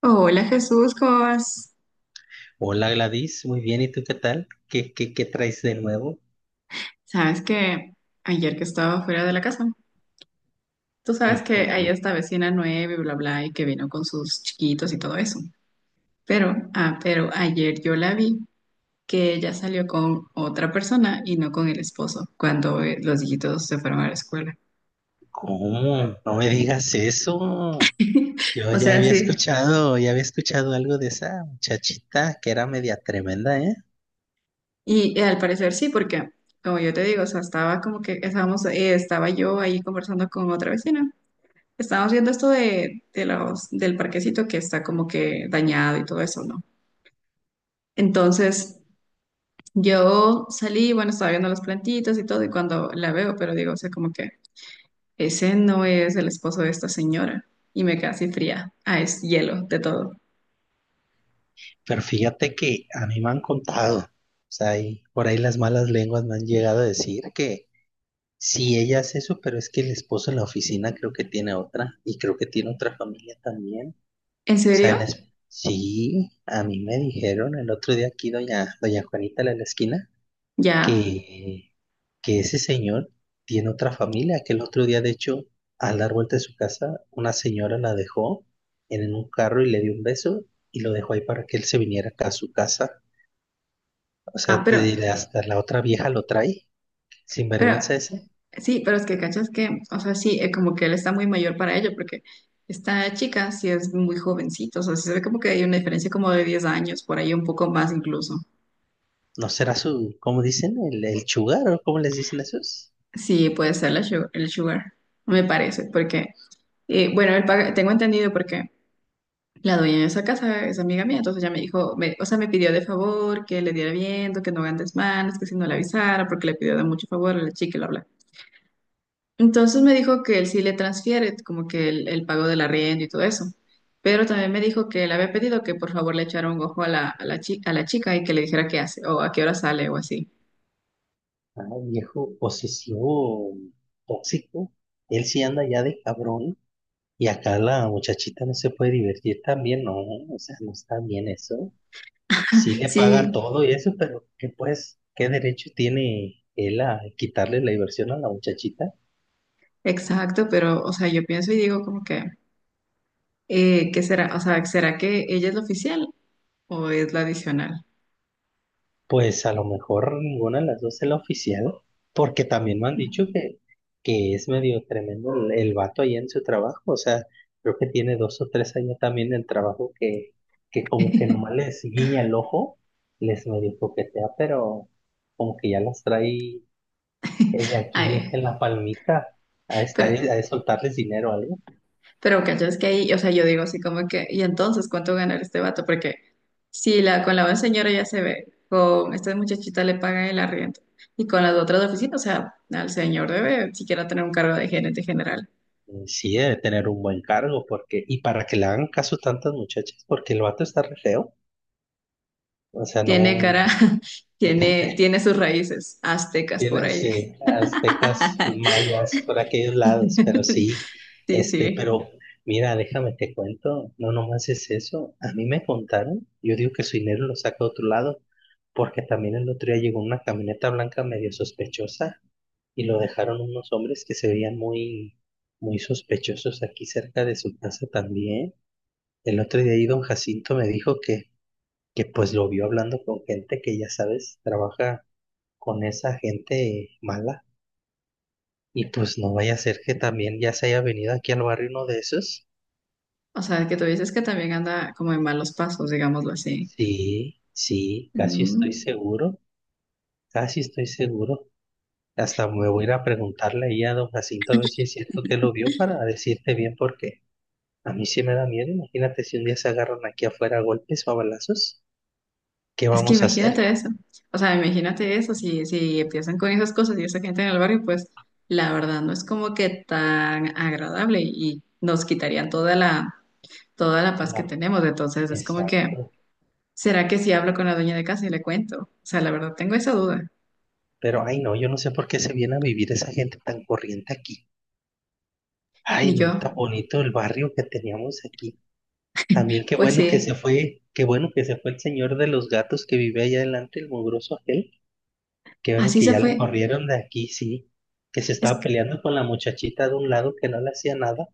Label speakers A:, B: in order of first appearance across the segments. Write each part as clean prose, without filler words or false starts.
A: Hola Jesús, ¿cómo vas?
B: Hola Gladys, muy bien, ¿y tú qué tal? ¿Qué traes de nuevo?
A: Sabes que ayer que estaba fuera de la casa, tú sabes que hay esta vecina nueva y bla bla y que vino con sus chiquitos y todo eso. Pero, pero ayer yo la vi que ella salió con otra persona y no con el esposo cuando los hijitos se fueron a la escuela.
B: ¿Cómo? No me digas eso. Yo
A: O
B: ya
A: sea,
B: había
A: sí.
B: escuchado, ya había escuchado algo de esa muchachita que era media tremenda, ¿eh?
A: Y, al parecer sí, porque como yo te digo, o sea, estaba como que estaba yo ahí conversando con otra vecina. Estábamos viendo esto del parquecito que está como que dañado y todo eso, ¿no? Entonces, yo salí, bueno, estaba viendo las plantitas y todo, y cuando la veo, pero digo, o sea, como que ese no es el esposo de esta señora. Y me quedé así fría. Ah, es hielo de todo.
B: Pero fíjate que a mí me han contado, o sea, y por ahí las malas lenguas me han llegado a decir que sí, ella hace eso, pero es que el esposo en la oficina creo que tiene otra y creo que tiene otra familia también. O
A: ¿En
B: sea,
A: serio?
B: sí, a mí me dijeron el otro día aquí doña Juanita la de la esquina,
A: Ya.
B: que, que ese señor tiene otra familia, que el otro día, de hecho, al dar vuelta de su casa, una señora la dejó en un carro y le dio un beso y lo dejó ahí para que él se viniera acá a su casa. O
A: Ah,
B: sea, te
A: pero,
B: diré, hasta la otra vieja lo trae, sin
A: pero,
B: vergüenza ese.
A: sí, pero es que cachas que, o sea, sí, como que él está muy mayor para ello, porque esta chica sí es muy jovencito, o sea, sí se ve como que hay una diferencia como de 10 años, por ahí un poco más incluso.
B: ¿No será su, cómo dicen, el chugar o cómo les dicen esos?
A: Sí, puede ser el sugar, me parece, porque, bueno, tengo entendido porque la dueña de esa casa es amiga mía, entonces ella me dijo, o sea, me pidió de favor que le diera viento, que no hagan desmanes, que si no le avisara, porque le pidió de mucho favor a la chica y bla, bla. Entonces me dijo que él sí le transfiere como que el pago del arriendo y todo eso, pero también me dijo que le había pedido que por favor le echara un ojo a la chica y que le dijera qué hace o a qué hora sale o así.
B: Ah, viejo posesivo, tóxico. Él sí anda ya de cabrón. Y acá la muchachita no se puede divertir también, no, o sea, no está bien eso. Sí le paga
A: Sí,
B: todo y eso, pero ¿qué pues, qué derecho tiene él a quitarle la diversión a la muchachita?
A: exacto, pero, o sea, yo pienso y digo como que... ¿Qué será? O sea, ¿será que ella es la oficial o es la adicional?
B: Pues a lo mejor ninguna de las dos es la oficial, porque también me han dicho que es medio tremendo el vato ahí en su trabajo, o sea, creo que tiene 2 o 3 años también del trabajo que como que nomás les guiña el ojo, les medio coquetea, pero como que ya las trae de aquí
A: Ay,
B: en la palmita, a, esta
A: pero,
B: a soltarles dinero o algo.
A: pero cachas que ahí, o sea, yo digo así como que, ¿y entonces cuánto ganará este vato? Porque si la, con la buena señora ya se ve, con esta muchachita le pagan el arriendo, y con las otras oficinas, o sea, al señor debe siquiera tener un cargo de gerente general.
B: Sí, debe tener un buen cargo, porque, y para que le hagan caso tantas muchachas, porque el vato está re feo. O sea, no
A: Tiene cara, tiene sus raíces aztecas por
B: tiene,
A: ahí.
B: sí, aztecas, mayas, por aquellos lados, pero sí,
A: Sí,
B: este,
A: sí.
B: pero mira, déjame te cuento, no nomás es eso. A mí me contaron, yo digo que su dinero lo saca de otro lado, porque también el otro día llegó una camioneta blanca medio sospechosa y lo dejaron unos hombres que se veían muy, muy sospechosos aquí cerca de su casa también. El otro día ahí don Jacinto me dijo que pues lo vio hablando con gente que ya sabes, trabaja con esa gente mala. Y pues no vaya a ser que también ya se haya venido aquí al barrio uno de esos.
A: O sea, que tú dices que también anda como en malos pasos, digámoslo así.
B: Sí, sí, casi estoy
A: Mm.
B: seguro, casi estoy seguro. Hasta me voy a ir a preguntarle ahí a don Jacinto a ver si es cierto que lo vio para decirte bien porque a mí sí me da miedo. Imagínate si un día se agarran aquí afuera a golpes o a balazos, ¿qué
A: Es que
B: vamos a hacer?
A: imagínate eso. O sea, imagínate eso. Si, si empiezan con esas cosas y esa gente en el barrio, pues la verdad no es como que tan agradable y nos quitarían toda la paz que
B: No,
A: tenemos. Entonces es como que,
B: exacto.
A: ¿será que si hablo con la dueña de casa y le cuento? O sea, la verdad tengo esa duda.
B: Pero, ay, no, yo no sé por qué se viene a vivir esa gente tan corriente aquí. Ay,
A: Ni yo.
B: no, tan bonito el barrio que teníamos aquí. También qué
A: Pues
B: bueno que se
A: sí,
B: fue, qué bueno que se fue el señor de los gatos que vive allá adelante, el mugroso aquel. Qué bueno
A: así
B: que
A: se
B: ya lo
A: fue.
B: corrieron de aquí, sí. Que se estaba peleando con la muchachita de un lado que no le hacía nada.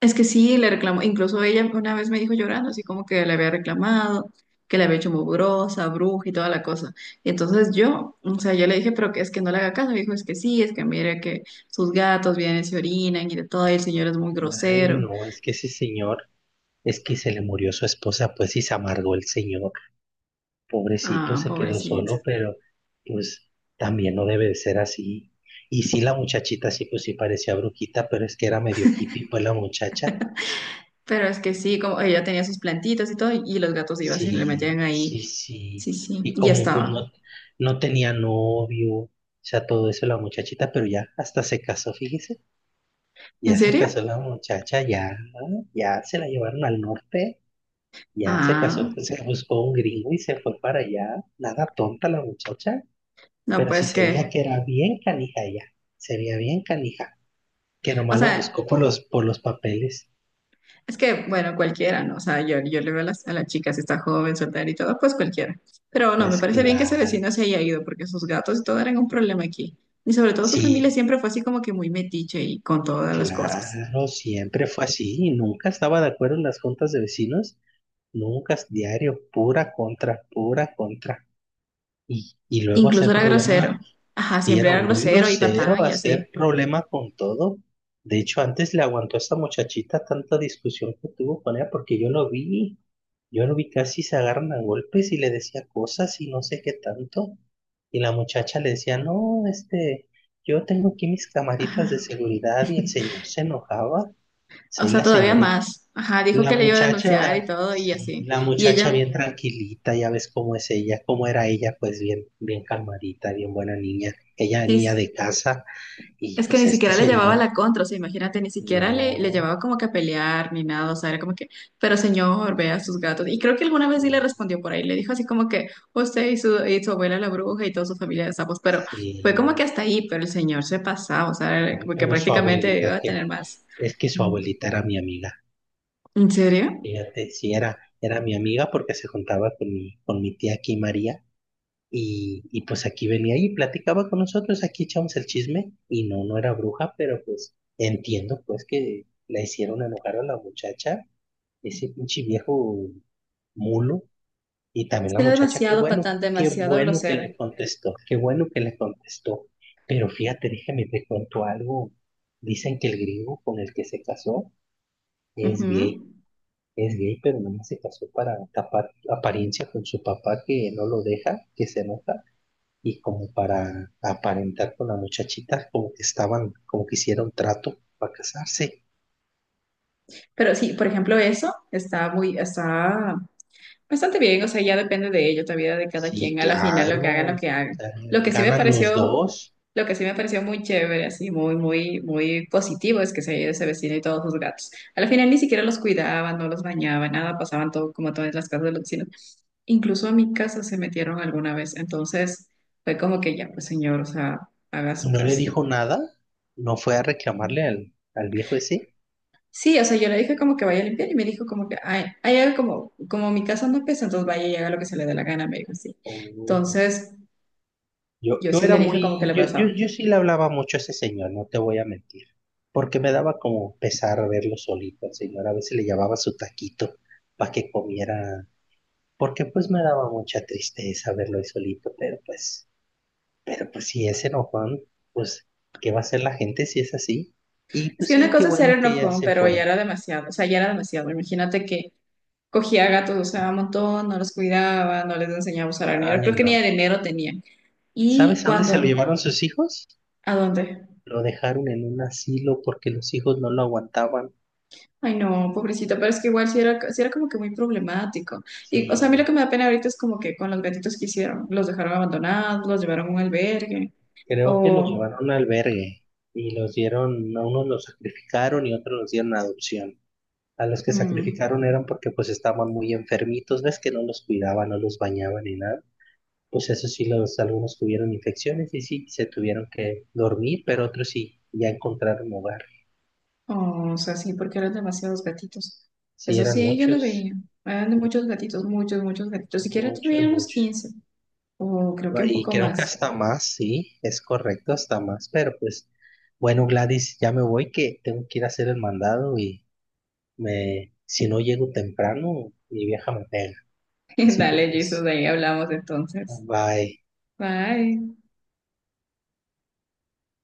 A: Es que sí, le reclamó, incluso ella una vez me dijo llorando, así como que le había reclamado, que le había hecho mugrosa, bruja y toda la cosa. Y entonces yo, o sea, yo le dije, pero que es que no le haga caso. Me dijo, es que sí, es que mire que sus gatos vienen y se orinan y de todo, y el señor es muy
B: Ay,
A: grosero.
B: no, es que ese señor, es que se le murió su esposa, pues y se amargó el señor. Pobrecito
A: Ah,
B: se quedó
A: pobrecito.
B: solo, pero pues también no debe de ser así. Y sí, la muchachita sí, pues sí parecía brujita, pero es que era medio hippie, pues la muchacha.
A: Pero es que sí, como ella tenía sus plantitas y todo, y los gatos iban, se le
B: Sí,
A: metían ahí.
B: sí, sí.
A: Sí, sí,
B: Y
A: y ya
B: como pues
A: estaba.
B: no, no tenía novio, o sea, todo eso la muchachita, pero ya hasta se casó, fíjese,
A: ¿En
B: ya se
A: serio?
B: casó la muchacha, ya, ¿no? Ya se la llevaron al norte, ya se casó,
A: Ah,
B: pues, se buscó un gringo y se fue para allá. Nada tonta la muchacha.
A: no,
B: Pero sí
A: pues
B: se veía
A: que,
B: que era bien canija ella, se veía bien canija, que
A: o
B: nomás lo
A: sea.
B: buscó por los papeles,
A: Es que, bueno, cualquiera, ¿no? O sea, yo le veo a a las chicas, está joven, soltera y todo, pues cualquiera. Pero no, me
B: pues
A: parece bien que ese
B: claro,
A: vecino se haya ido, porque sus gatos y todo eran un problema aquí. Y sobre todo su familia
B: sí,
A: siempre fue así como que muy metiche y con todas las cosas.
B: claro, siempre fue así, y nunca estaba de acuerdo en las juntas de vecinos, nunca, diario, pura contra, y luego
A: Incluso
B: hacer
A: era grosero.
B: problema.
A: Ajá,
B: Y
A: siempre
B: era
A: era
B: muy
A: grosero y
B: grosero
A: patán y así.
B: hacer problemas con todo. De hecho, antes le aguantó a esa muchachita tanta discusión que tuvo con ella, porque yo lo vi casi se agarran a golpes y le decía cosas y no sé qué tanto. Y la muchacha le decía, no, este, yo tengo aquí mis camaritas de
A: Ajá.
B: seguridad y el señor se enojaba.
A: O
B: Sí,
A: sea, todavía más. Ajá, dijo
B: la
A: que le iba a denunciar y
B: muchacha,
A: todo y
B: sí,
A: así.
B: la
A: Y
B: muchacha
A: ella,
B: bien tranquilita, ya ves cómo es ella, cómo era ella, pues bien, bien calmadita, bien buena niña, ella niña
A: sí,
B: de casa, y
A: es que
B: pues
A: ni
B: este
A: siquiera le llevaba
B: señor,
A: la contra, o sea, imagínate, ni siquiera le
B: no,
A: llevaba como que a pelear ni nada, o sea, era como que, pero señor, vea sus gatos. Y creo que alguna vez sí le
B: sí,
A: respondió por ahí, le dijo así como que usted y y su abuela la bruja y toda su familia de sapos, pero fue como
B: sí,
A: que hasta ahí, pero el señor se pasaba, o sea, era
B: ay,
A: como que
B: pero su
A: prácticamente iba
B: abuelita,
A: a tener
B: que
A: más.
B: es que su
A: Mm.
B: abuelita era mi amiga,
A: ¿En serio?
B: fíjate, sí, era mi amiga porque se juntaba con mi, tía aquí, María. Y pues aquí venía y platicaba con nosotros, aquí echamos el chisme y no, no era bruja, pero pues entiendo pues que la hicieron enojar a la muchacha, ese pinche viejo mulo, y también
A: Es
B: la
A: que era
B: muchacha,
A: demasiado patán,
B: qué
A: demasiado
B: bueno que
A: grosero.
B: le contestó, qué bueno que le contestó. Pero fíjate, déjame te contó algo. Dicen que el griego con el que se casó es
A: Ujú.
B: gay, es gay, pero no se casó para tapar apariencia con su papá que no lo deja, que se enoja, y como para aparentar con la muchachita, como que estaban, como que hicieron trato para casarse.
A: Pero sí, por ejemplo, eso está muy, está. Bastante bien, o sea, ya depende de ello, todavía de cada
B: Sí,
A: quien, a la final lo
B: claro,
A: que hagan, lo
B: o
A: que hagan.
B: sea,
A: Lo que sí me
B: ganan los
A: pareció,
B: dos.
A: lo que sí me pareció muy chévere, así, muy, muy, muy positivo es que se haya ido ese vecino y todos sus gatos. A la final ni siquiera los cuidaban, no los bañaban, nada, pasaban todo como todas las casas de los vecinos. Incluso a mi casa se metieron alguna vez, entonces fue como que ya, pues señor, o sea, haga
B: Y
A: su
B: no le
A: casa.
B: dijo nada, no fue a reclamarle al viejo ese.
A: Sí, o sea, yo le dije como que vaya a limpiar y me dijo como que, ay, haga como, como mi casa no pesa, entonces vaya y haga lo que se le dé la gana, me dijo así.
B: Oh, no.
A: Entonces...
B: Yo,
A: Yo
B: yo
A: sí
B: era
A: le dije como que
B: muy,
A: le
B: yo, yo,
A: pasaba.
B: yo sí le hablaba mucho a ese señor, no te voy a mentir, porque me daba como pesar verlo solito al señor, a veces le llevaba su taquito para que comiera, porque pues me daba mucha tristeza verlo ahí solito, Pero pues si es enojón, pues ¿qué va a hacer la gente si es así? Y
A: Es
B: pues
A: que una
B: sí, qué
A: cosa es ser
B: bueno que ya
A: enojón,
B: se
A: pero ya
B: fue.
A: era demasiado, o sea, ya era demasiado. Imagínate que cogía gatos, o sea, un montón, no los cuidaba, no les enseñaba a usar dinero,
B: Ay,
A: creo que ni
B: no.
A: dinero tenían.
B: ¿Sabes
A: ¿Y
B: a dónde se lo
A: cuando
B: llevaron sus hijos?
A: ¿a dónde?
B: Lo dejaron en un asilo porque los hijos no lo aguantaban.
A: Ay, no, pobrecito, pero es que igual sí era como que muy problemático. Y, o sea, a mí lo que
B: Sí,
A: me da pena ahorita es como que con los gatitos que hicieron, los dejaron abandonados, los llevaron a un albergue,
B: creo que lo
A: o...
B: llevaron a un albergue y los dieron, a unos los sacrificaron y otros los dieron a adopción. A los que
A: mm.
B: sacrificaron eran porque pues estaban muy enfermitos, ves que no los cuidaban, no los bañaban ni nada. Pues eso sí, algunos tuvieron infecciones y sí, se tuvieron que dormir, pero otros sí, ya encontraron hogar.
A: Oh, o sea, sí, porque eran demasiados gatitos.
B: Sí,
A: Eso
B: eran
A: sí, yo lo
B: muchos,
A: veía. Eran de muchos gatitos, muchos, muchos gatitos. Siquiera
B: muchos,
A: tuviera unos
B: muchos.
A: 15, o creo que un
B: Y
A: poco
B: creo que
A: más.
B: hasta más, sí, es correcto, hasta más. Pero pues, bueno, Gladys, ya me voy, que tengo que ir a hacer el mandado y si no llego temprano, mi vieja me pega. Así que
A: Dale, Jesús,
B: pues,
A: ahí hablamos entonces.
B: bye.
A: Bye.